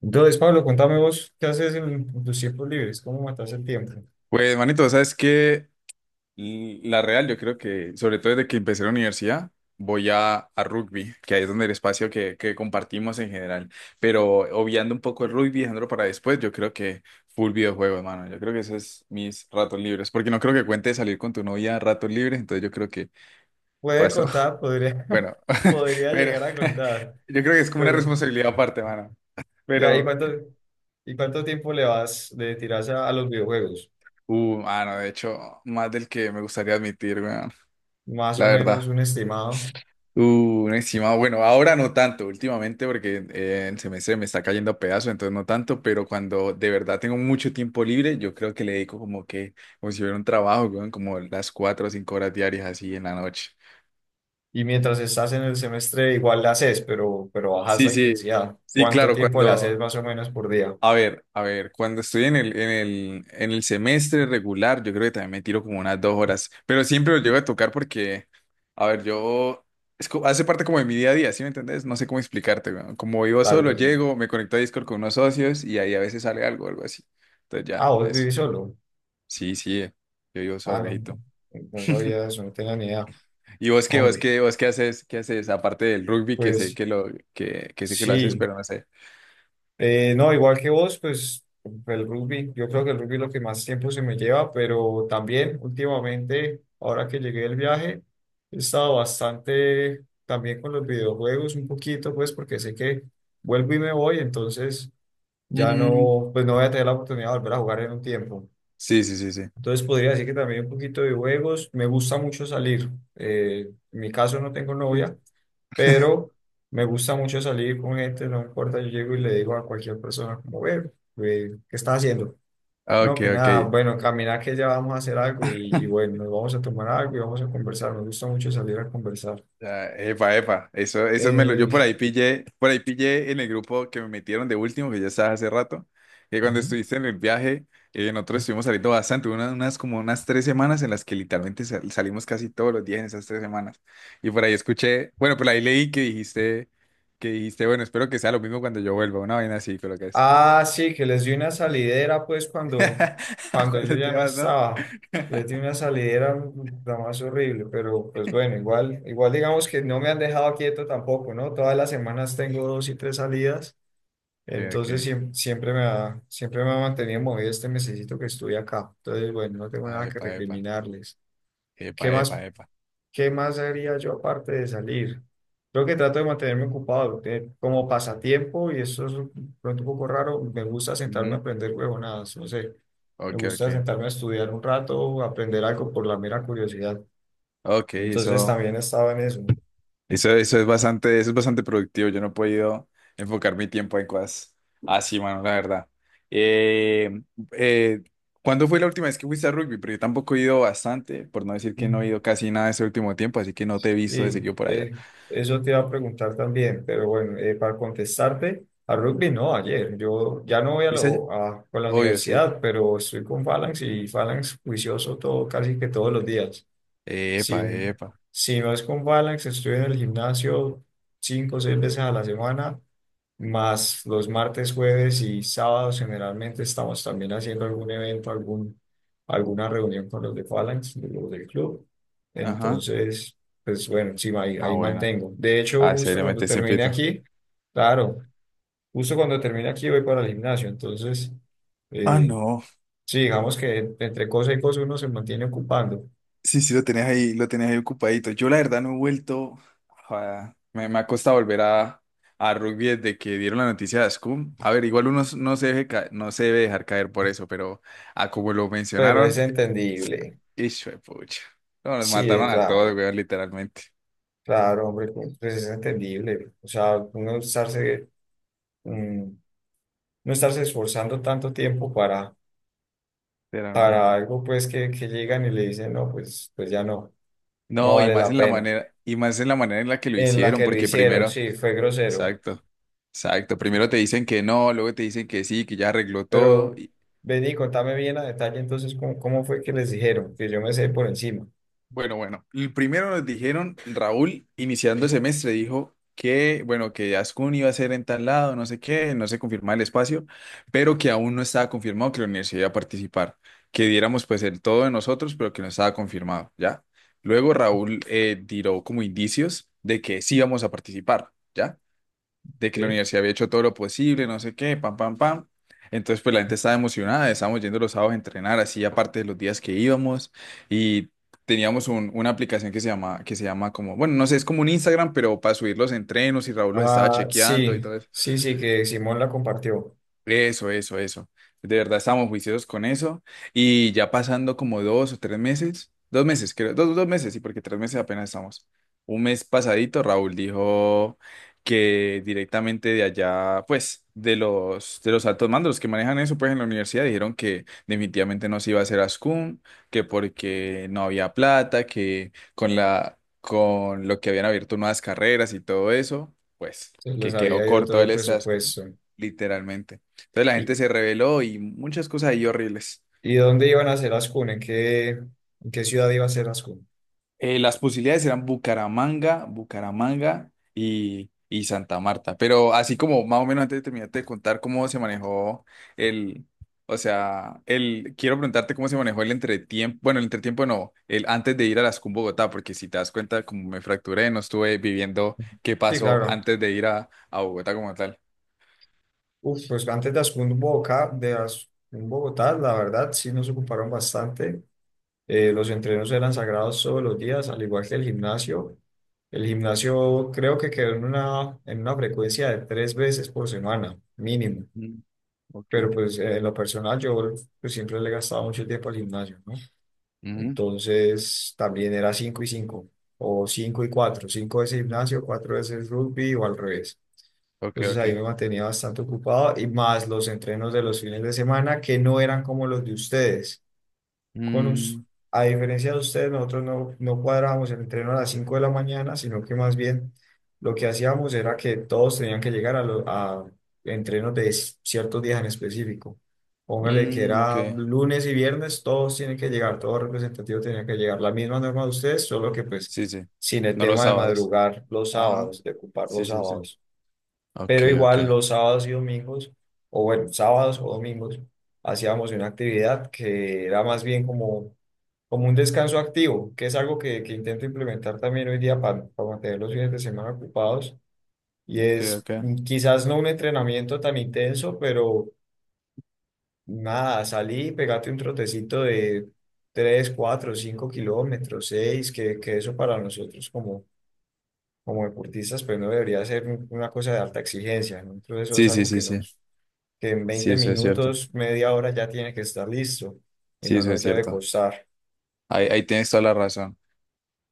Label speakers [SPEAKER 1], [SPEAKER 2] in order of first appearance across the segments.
[SPEAKER 1] Entonces, Pablo, contame vos, ¿qué haces en tus tiempos libres? ¿Cómo matas el tiempo?
[SPEAKER 2] Pues, manito, ¿sabes que La real, yo creo que, sobre todo desde que empecé la universidad, voy a rugby, que ahí es donde el espacio que compartimos en general. Pero obviando un poco el rugby, dejándolo para después, yo creo que full videojuego, mano. Yo creo que eso es mis ratos libres, porque no creo que cuente salir con tu novia a ratos libres, entonces yo creo que
[SPEAKER 1] Puede
[SPEAKER 2] paso,
[SPEAKER 1] contar, podría,
[SPEAKER 2] bueno,
[SPEAKER 1] podría
[SPEAKER 2] pero
[SPEAKER 1] llegar a contar,
[SPEAKER 2] yo creo que es como una
[SPEAKER 1] pero
[SPEAKER 2] responsabilidad aparte, mano.
[SPEAKER 1] ya, ¿y
[SPEAKER 2] Pero,
[SPEAKER 1] cuánto, y cuánto tiempo le tiras a los videojuegos?
[SPEAKER 2] mano, de hecho, más del que me gustaría admitir, weón,
[SPEAKER 1] Más
[SPEAKER 2] la
[SPEAKER 1] o
[SPEAKER 2] verdad.
[SPEAKER 1] menos un estimado.
[SPEAKER 2] Un estimado, bueno, ahora no tanto, últimamente porque el semestre me está cayendo a pedazos, entonces no tanto, pero cuando de verdad tengo mucho tiempo libre, yo creo que le dedico como si hubiera un trabajo, weón, como las cuatro o cinco horas diarias así en la noche.
[SPEAKER 1] Y mientras estás en el semestre, igual le haces, pero bajas
[SPEAKER 2] Sí,
[SPEAKER 1] la
[SPEAKER 2] sí,
[SPEAKER 1] intensidad.
[SPEAKER 2] sí,
[SPEAKER 1] ¿Cuánto
[SPEAKER 2] claro,
[SPEAKER 1] tiempo le
[SPEAKER 2] cuando,
[SPEAKER 1] haces más o menos por día?
[SPEAKER 2] A ver, cuando estoy en el semestre regular, yo creo que también me tiro como unas dos horas, pero siempre lo llego a tocar porque, a ver, yo, hace parte como de mi día a día. ¿Sí me entendés? No sé cómo explicarte, weón. Como vivo
[SPEAKER 1] Claro
[SPEAKER 2] solo,
[SPEAKER 1] que sí.
[SPEAKER 2] llego, me conecto a Discord con unos socios y ahí a veces sale algo, algo así. Entonces
[SPEAKER 1] Ah,
[SPEAKER 2] ya,
[SPEAKER 1] vos
[SPEAKER 2] eso.
[SPEAKER 1] vivís solo.
[SPEAKER 2] Sí, sí, yo vivo solo,
[SPEAKER 1] Ah, no, no
[SPEAKER 2] Alejito.
[SPEAKER 1] no sabía eso, no tenía ni idea.
[SPEAKER 2] ¿Y
[SPEAKER 1] Hombre,
[SPEAKER 2] vos qué haces, aparte del rugby,
[SPEAKER 1] pues
[SPEAKER 2] que sé que lo haces,
[SPEAKER 1] sí.
[SPEAKER 2] pero no sé.
[SPEAKER 1] No, igual que vos, pues el rugby, yo creo que el rugby es lo que más tiempo se me lleva, pero también últimamente, ahora que llegué del viaje, he estado bastante también con los videojuegos, un poquito, pues porque sé que vuelvo y me voy, entonces ya
[SPEAKER 2] Mm.
[SPEAKER 1] no, pues no voy a tener la oportunidad de volver a jugar en un tiempo.
[SPEAKER 2] Sí, sí, sí, sí.
[SPEAKER 1] Entonces podría decir que también un poquito de juegos, me gusta mucho salir. Eh, en mi caso no tengo novia, pero me gusta mucho salir con gente, no importa, yo llego y le digo a cualquier persona como, "Ve, ve, ¿qué está haciendo? No,
[SPEAKER 2] Ok,
[SPEAKER 1] que
[SPEAKER 2] ok.
[SPEAKER 1] nada, bueno, caminar que ya vamos a hacer algo y bueno, nos vamos a tomar algo y vamos a conversar, me gusta mucho salir a conversar.
[SPEAKER 2] Ya, epa, epa, yo
[SPEAKER 1] Eh,
[SPEAKER 2] por ahí pillé en el grupo que me metieron de último, que ya estaba hace rato, que cuando
[SPEAKER 1] Ujú.
[SPEAKER 2] estuviste en el viaje, nosotros estuvimos saliendo bastante, unas tres semanas en las que literalmente salimos casi todos los días en esas tres semanas. Y por ahí escuché, bueno, por ahí leí que dijiste, bueno, espero que sea lo mismo cuando yo vuelva, una vaina así, creo que es.
[SPEAKER 1] Ah, sí, que les di una salidera pues cuando, cuando yo
[SPEAKER 2] Cuando
[SPEAKER 1] ya
[SPEAKER 2] te
[SPEAKER 1] no
[SPEAKER 2] vas, ¿no?
[SPEAKER 1] estaba. Les di una salidera la más horrible, pero pues bueno, igual digamos que no me han dejado quieto tampoco, ¿no? Todas las semanas tengo dos y tres salidas.
[SPEAKER 2] Ok,
[SPEAKER 1] Entonces
[SPEAKER 2] ok.
[SPEAKER 1] siempre siempre me ha mantenido movido este mesecito que estuve acá. Entonces, bueno, no tengo
[SPEAKER 2] Ah,
[SPEAKER 1] nada que
[SPEAKER 2] epa, epa.
[SPEAKER 1] recriminarles. ¿Qué
[SPEAKER 2] Epa,
[SPEAKER 1] más,
[SPEAKER 2] epa, epa.
[SPEAKER 1] qué más haría yo aparte de salir? Creo que trato de mantenerme ocupado porque como pasatiempo, y eso es pronto un poco raro, me gusta sentarme a
[SPEAKER 2] Ujú.
[SPEAKER 1] aprender huevonadas, no sé. Me
[SPEAKER 2] Ok, ok.
[SPEAKER 1] gusta sentarme a estudiar un rato, aprender algo por la mera curiosidad.
[SPEAKER 2] Ok,
[SPEAKER 1] Entonces
[SPEAKER 2] eso.
[SPEAKER 1] también estaba en eso.
[SPEAKER 2] Eso, eso es bastante productivo. Yo no he podido enfocar mi tiempo en cosas así, mano, la verdad. Eh, eh, ¿Cuándo fue la última vez que fuiste a rugby? Porque yo tampoco he ido bastante, por no decir que no he ido casi nada este último tiempo, así que no te he visto de
[SPEAKER 1] Sí,
[SPEAKER 2] seguido por allá.
[SPEAKER 1] eso te iba a preguntar también, pero bueno, para contestarte, a rugby no, ayer. Yo ya no voy
[SPEAKER 2] ¿Fuiste allá?
[SPEAKER 1] con la
[SPEAKER 2] Obvio, sí.
[SPEAKER 1] universidad, pero estoy con Phalanx y Phalanx juicioso todo, casi que todos los días. Si,
[SPEAKER 2] Epa, epa.
[SPEAKER 1] si no es con Phalanx, estoy en el gimnasio cinco o seis veces a la semana más los martes, jueves y sábados generalmente estamos también haciendo algún evento, alguna reunión con los de Phalanx, de los del club.
[SPEAKER 2] Ajá.
[SPEAKER 1] Entonces, pues bueno, sí, ahí,
[SPEAKER 2] Ah,
[SPEAKER 1] ahí
[SPEAKER 2] bueno.
[SPEAKER 1] mantengo. De hecho,
[SPEAKER 2] Ah,
[SPEAKER 1] justo cuando
[SPEAKER 2] seriamente, siempre.
[SPEAKER 1] termine aquí, claro, justo cuando termine aquí voy para el gimnasio. Entonces,
[SPEAKER 2] Ah,
[SPEAKER 1] eh,
[SPEAKER 2] no.
[SPEAKER 1] sí, digamos que entre cosa y cosa uno se mantiene ocupando,
[SPEAKER 2] Sí, sí, lo tenías ahí ocupadito. Yo la verdad no he vuelto, me ha costado volver a rugby desde que dieron la noticia de Ascum. A ver, igual no se no se debe dejar caer por eso, pero a como lo
[SPEAKER 1] pero es
[SPEAKER 2] mencionaron,
[SPEAKER 1] entendible.
[SPEAKER 2] hijo de pucha. No, nos
[SPEAKER 1] Sí,
[SPEAKER 2] mataron a
[SPEAKER 1] claro,
[SPEAKER 2] todos, weón, literalmente,
[SPEAKER 1] claro, hombre, pues es entendible. O sea, uno estarse... mm, no estarse esforzando tanto tiempo para
[SPEAKER 2] literalmente.
[SPEAKER 1] algo pues que llegan y le dicen, no, pues ya no, no
[SPEAKER 2] No,
[SPEAKER 1] vale la pena.
[SPEAKER 2] y más en la manera en la que lo
[SPEAKER 1] En la
[SPEAKER 2] hicieron,
[SPEAKER 1] que lo
[SPEAKER 2] porque
[SPEAKER 1] hicieron,
[SPEAKER 2] primero,
[SPEAKER 1] sí, fue grosero,
[SPEAKER 2] exacto, exacto, primero
[SPEAKER 1] sí.
[SPEAKER 2] te dicen que no, luego te dicen que sí, que ya arregló todo.
[SPEAKER 1] Pero vení, contame bien a detalle entonces cómo fue que les dijeron, que yo me sé por encima.
[SPEAKER 2] Bueno, bueno, el primero nos dijeron, Raúl, iniciando el semestre, dijo que, bueno, que Ascun iba a ser en tal lado, no sé qué, no se confirmaba el espacio, pero que aún no estaba confirmado que la universidad iba a participar, que diéramos pues el todo de nosotros, pero que no estaba confirmado, ¿ya? Luego Raúl tiró como indicios de que sí íbamos a participar, ¿ya? De que la
[SPEAKER 1] ¿Sí?
[SPEAKER 2] universidad había hecho todo lo posible, no sé qué, pam, pam, pam. Entonces, pues la gente estaba emocionada, estábamos yendo los sábados a entrenar, así aparte de los días que íbamos, y teníamos una aplicación que se llama, bueno, no sé, es como un Instagram, pero para subir los entrenos, y Raúl los estaba
[SPEAKER 1] Ah,
[SPEAKER 2] chequeando y
[SPEAKER 1] sí,
[SPEAKER 2] todo
[SPEAKER 1] sí, sí, que Simón la compartió.
[SPEAKER 2] eso, eso, eso. De verdad estamos juiciosos con eso. Y ya pasando como dos o tres meses, dos meses, creo, dos meses, sí, porque tres meses apenas estamos. Un mes pasadito, Raúl dijo que directamente de allá, pues, de los altos mandos, los que manejan eso, pues, en la universidad, dijeron que definitivamente no se iba a hacer ASCUM, que porque no había plata, que con lo que habían abierto nuevas carreras y todo eso, pues,
[SPEAKER 1] Se les
[SPEAKER 2] que quedó
[SPEAKER 1] había ido todo
[SPEAKER 2] corto
[SPEAKER 1] el
[SPEAKER 2] el SASCUM,
[SPEAKER 1] presupuesto.
[SPEAKER 2] literalmente. Entonces la gente
[SPEAKER 1] ¿Y,
[SPEAKER 2] se rebeló y muchas cosas ahí horribles.
[SPEAKER 1] y dónde iban a hacer las CUN? ¿En qué ciudad iba a hacer las CUN?
[SPEAKER 2] Las posibilidades eran Bucaramanga, y Santa Marta. Pero así como más o menos antes de terminarte de contar cómo se manejó el, o sea, quiero preguntarte cómo se manejó el entretiempo, bueno, el entretiempo no, el antes de ir a las CUM Bogotá, porque si te das cuenta, como me fracturé, no estuve viviendo qué
[SPEAKER 1] Sí,
[SPEAKER 2] pasó
[SPEAKER 1] claro.
[SPEAKER 2] antes de ir a Bogotá como tal.
[SPEAKER 1] Uf, pues antes de Ascun Bogotá, la verdad sí nos ocuparon bastante. Los entrenos eran sagrados todos los días, al igual que el gimnasio. El gimnasio creo que quedó en una frecuencia de tres veces por semana, mínimo.
[SPEAKER 2] Mm, ok.
[SPEAKER 1] Pero pues en lo personal yo pues, siempre le gastaba mucho tiempo al gimnasio, ¿no?
[SPEAKER 2] Ujú.
[SPEAKER 1] Entonces también era cinco y cinco, o cinco y cuatro, cinco veces gimnasio, cuatro veces rugby o al revés.
[SPEAKER 2] Ok,
[SPEAKER 1] Entonces
[SPEAKER 2] ok.
[SPEAKER 1] ahí me mantenía bastante ocupado y más los entrenos de los fines de semana que no eran como los de ustedes. Con
[SPEAKER 2] Mm,
[SPEAKER 1] us- a diferencia de ustedes, nosotros no cuadrábamos el entreno a las 5 de la mañana, sino que más bien lo que hacíamos era que todos tenían que llegar a entrenos de ciertos días en específico. Póngale que
[SPEAKER 2] ok.
[SPEAKER 1] era lunes y viernes, todos tienen que llegar, todo representativo tenía que llegar. La misma norma de ustedes, solo que pues
[SPEAKER 2] Sí, sí.
[SPEAKER 1] sin el
[SPEAKER 2] No los
[SPEAKER 1] tema de
[SPEAKER 2] sábados.
[SPEAKER 1] madrugar los
[SPEAKER 2] Ajá.
[SPEAKER 1] sábados, de ocupar
[SPEAKER 2] Sí,
[SPEAKER 1] los
[SPEAKER 2] sí, sí.
[SPEAKER 1] sábados
[SPEAKER 2] Ok,
[SPEAKER 1] pero
[SPEAKER 2] ok.
[SPEAKER 1] igual los sábados y domingos, o bueno, sábados o domingos, hacíamos una actividad que era más bien como un descanso activo, que es algo que intento implementar también hoy día para mantener los fines de semana ocupados, y
[SPEAKER 2] Ok,
[SPEAKER 1] es
[SPEAKER 2] ok.
[SPEAKER 1] quizás no un entrenamiento tan intenso, pero nada, salí, pegate un trotecito de 3 4 5 kilómetros, 6 que eso para nosotros como deportistas, pues no debería ser una cosa de alta exigencia, ¿no? Entonces eso es
[SPEAKER 2] Sí, sí,
[SPEAKER 1] algo
[SPEAKER 2] sí,
[SPEAKER 1] que
[SPEAKER 2] sí.
[SPEAKER 1] nos, que en
[SPEAKER 2] Sí,
[SPEAKER 1] 20
[SPEAKER 2] eso es cierto.
[SPEAKER 1] minutos, media hora ya tiene que estar listo y
[SPEAKER 2] Sí,
[SPEAKER 1] no
[SPEAKER 2] eso es
[SPEAKER 1] nos debe
[SPEAKER 2] cierto.
[SPEAKER 1] costar.
[SPEAKER 2] Ahí, ahí tienes toda la razón.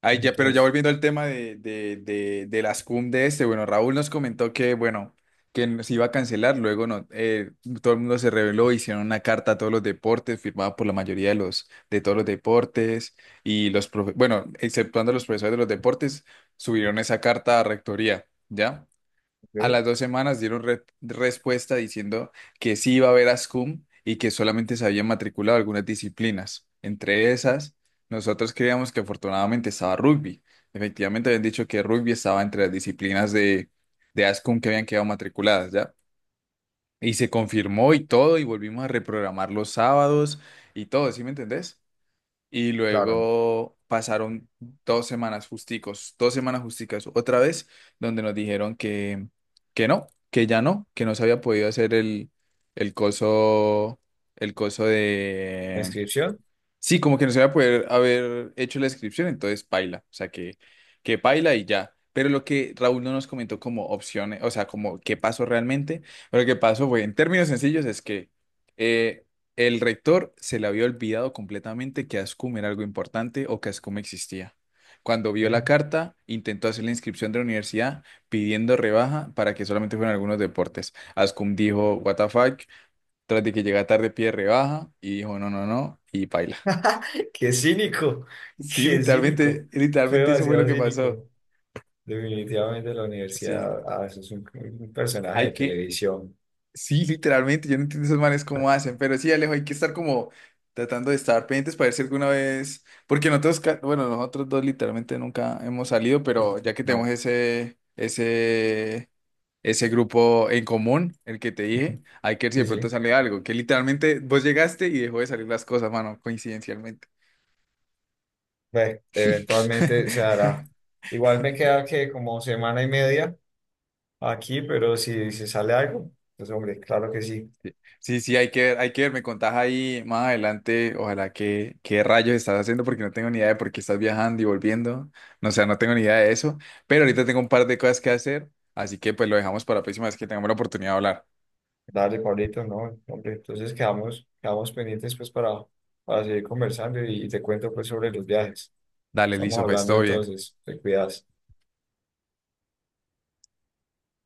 [SPEAKER 2] Ahí ya, pero ya
[SPEAKER 1] Entonces,
[SPEAKER 2] volviendo al tema de, de las cum de este, bueno, Raúl nos comentó que, bueno, que se iba a cancelar, luego no, todo el mundo se reveló, hicieron una carta a todos los deportes, firmada por la mayoría de los, de todos los deportes, y bueno, exceptuando los profesores de los deportes, subieron esa carta a rectoría, ¿ya? A
[SPEAKER 1] ok,
[SPEAKER 2] las dos semanas dieron respuesta diciendo que sí iba a haber ASCUM y que solamente se habían matriculado algunas disciplinas. Entre esas, nosotros creíamos que afortunadamente estaba rugby. Efectivamente, habían dicho que rugby estaba entre las disciplinas de ASCUM que habían quedado matriculadas, ¿ya? Y se confirmó y todo, y volvimos a reprogramar los sábados y todo, ¿sí me entendés? Y
[SPEAKER 1] claro,
[SPEAKER 2] luego pasaron dos semanas justicos, dos semanas justicas otra vez, donde nos dijeron que no, que ya no, que no se había podido hacer el coso, el coso.
[SPEAKER 1] la inscripción.
[SPEAKER 2] Sí, como que no se va a poder haber hecho la inscripción, entonces paila, o sea que paila y ya. Pero lo que Raúl no nos comentó como opciones, o sea, como qué pasó realmente, pero lo que pasó fue, en términos sencillos, es que eh, el rector se le había olvidado completamente que ASCUM era algo importante o que ASCUM existía. Cuando vio la
[SPEAKER 1] Ok.
[SPEAKER 2] carta, intentó hacer la inscripción de la universidad pidiendo rebaja para que solamente fueran algunos deportes. ASCUM dijo, what the fuck, tras de que llega tarde pide rebaja y dijo, no, no, no, y paila.
[SPEAKER 1] Qué cínico,
[SPEAKER 2] Sí,
[SPEAKER 1] qué cínico.
[SPEAKER 2] literalmente,
[SPEAKER 1] Fue
[SPEAKER 2] literalmente eso fue lo
[SPEAKER 1] demasiado
[SPEAKER 2] que pasó.
[SPEAKER 1] cínico. Definitivamente la
[SPEAKER 2] Sí,
[SPEAKER 1] universidad, ah, eso es un personaje de
[SPEAKER 2] hay que,
[SPEAKER 1] televisión.
[SPEAKER 2] sí, literalmente, yo no entiendo esos manes cómo hacen, pero sí, Alejo, hay que estar como tratando de estar pendientes para ver si alguna vez, porque nosotros, bueno, nosotros dos literalmente nunca hemos salido, pero ya que tenemos
[SPEAKER 1] No,
[SPEAKER 2] ese, ese grupo en común, el que te dije, hay que ver si de
[SPEAKER 1] sí, sí.
[SPEAKER 2] pronto sale algo, que literalmente vos llegaste y dejó de salir las cosas, mano, coincidencialmente.
[SPEAKER 1] Ve, eventualmente se hará. Igual me queda que como semana y media aquí, pero si se sale algo, pues hombre, claro que sí.
[SPEAKER 2] Sí, sí, hay que ver, me contás ahí más adelante, ojalá, que qué rayos estás haciendo, porque no tengo ni idea de por qué estás viajando y volviendo, no, o sea, no tengo ni idea de eso, pero ahorita tengo un par de cosas que hacer, así que pues lo dejamos para la próxima vez que tengamos la oportunidad de hablar.
[SPEAKER 1] Dale, Pablito, no, hombre, entonces quedamos pendientes pues para seguir conversando y te cuento pues sobre los viajes.
[SPEAKER 2] Dale,
[SPEAKER 1] Estamos
[SPEAKER 2] listo, pues
[SPEAKER 1] hablando
[SPEAKER 2] todo bien.
[SPEAKER 1] entonces, te cuidas.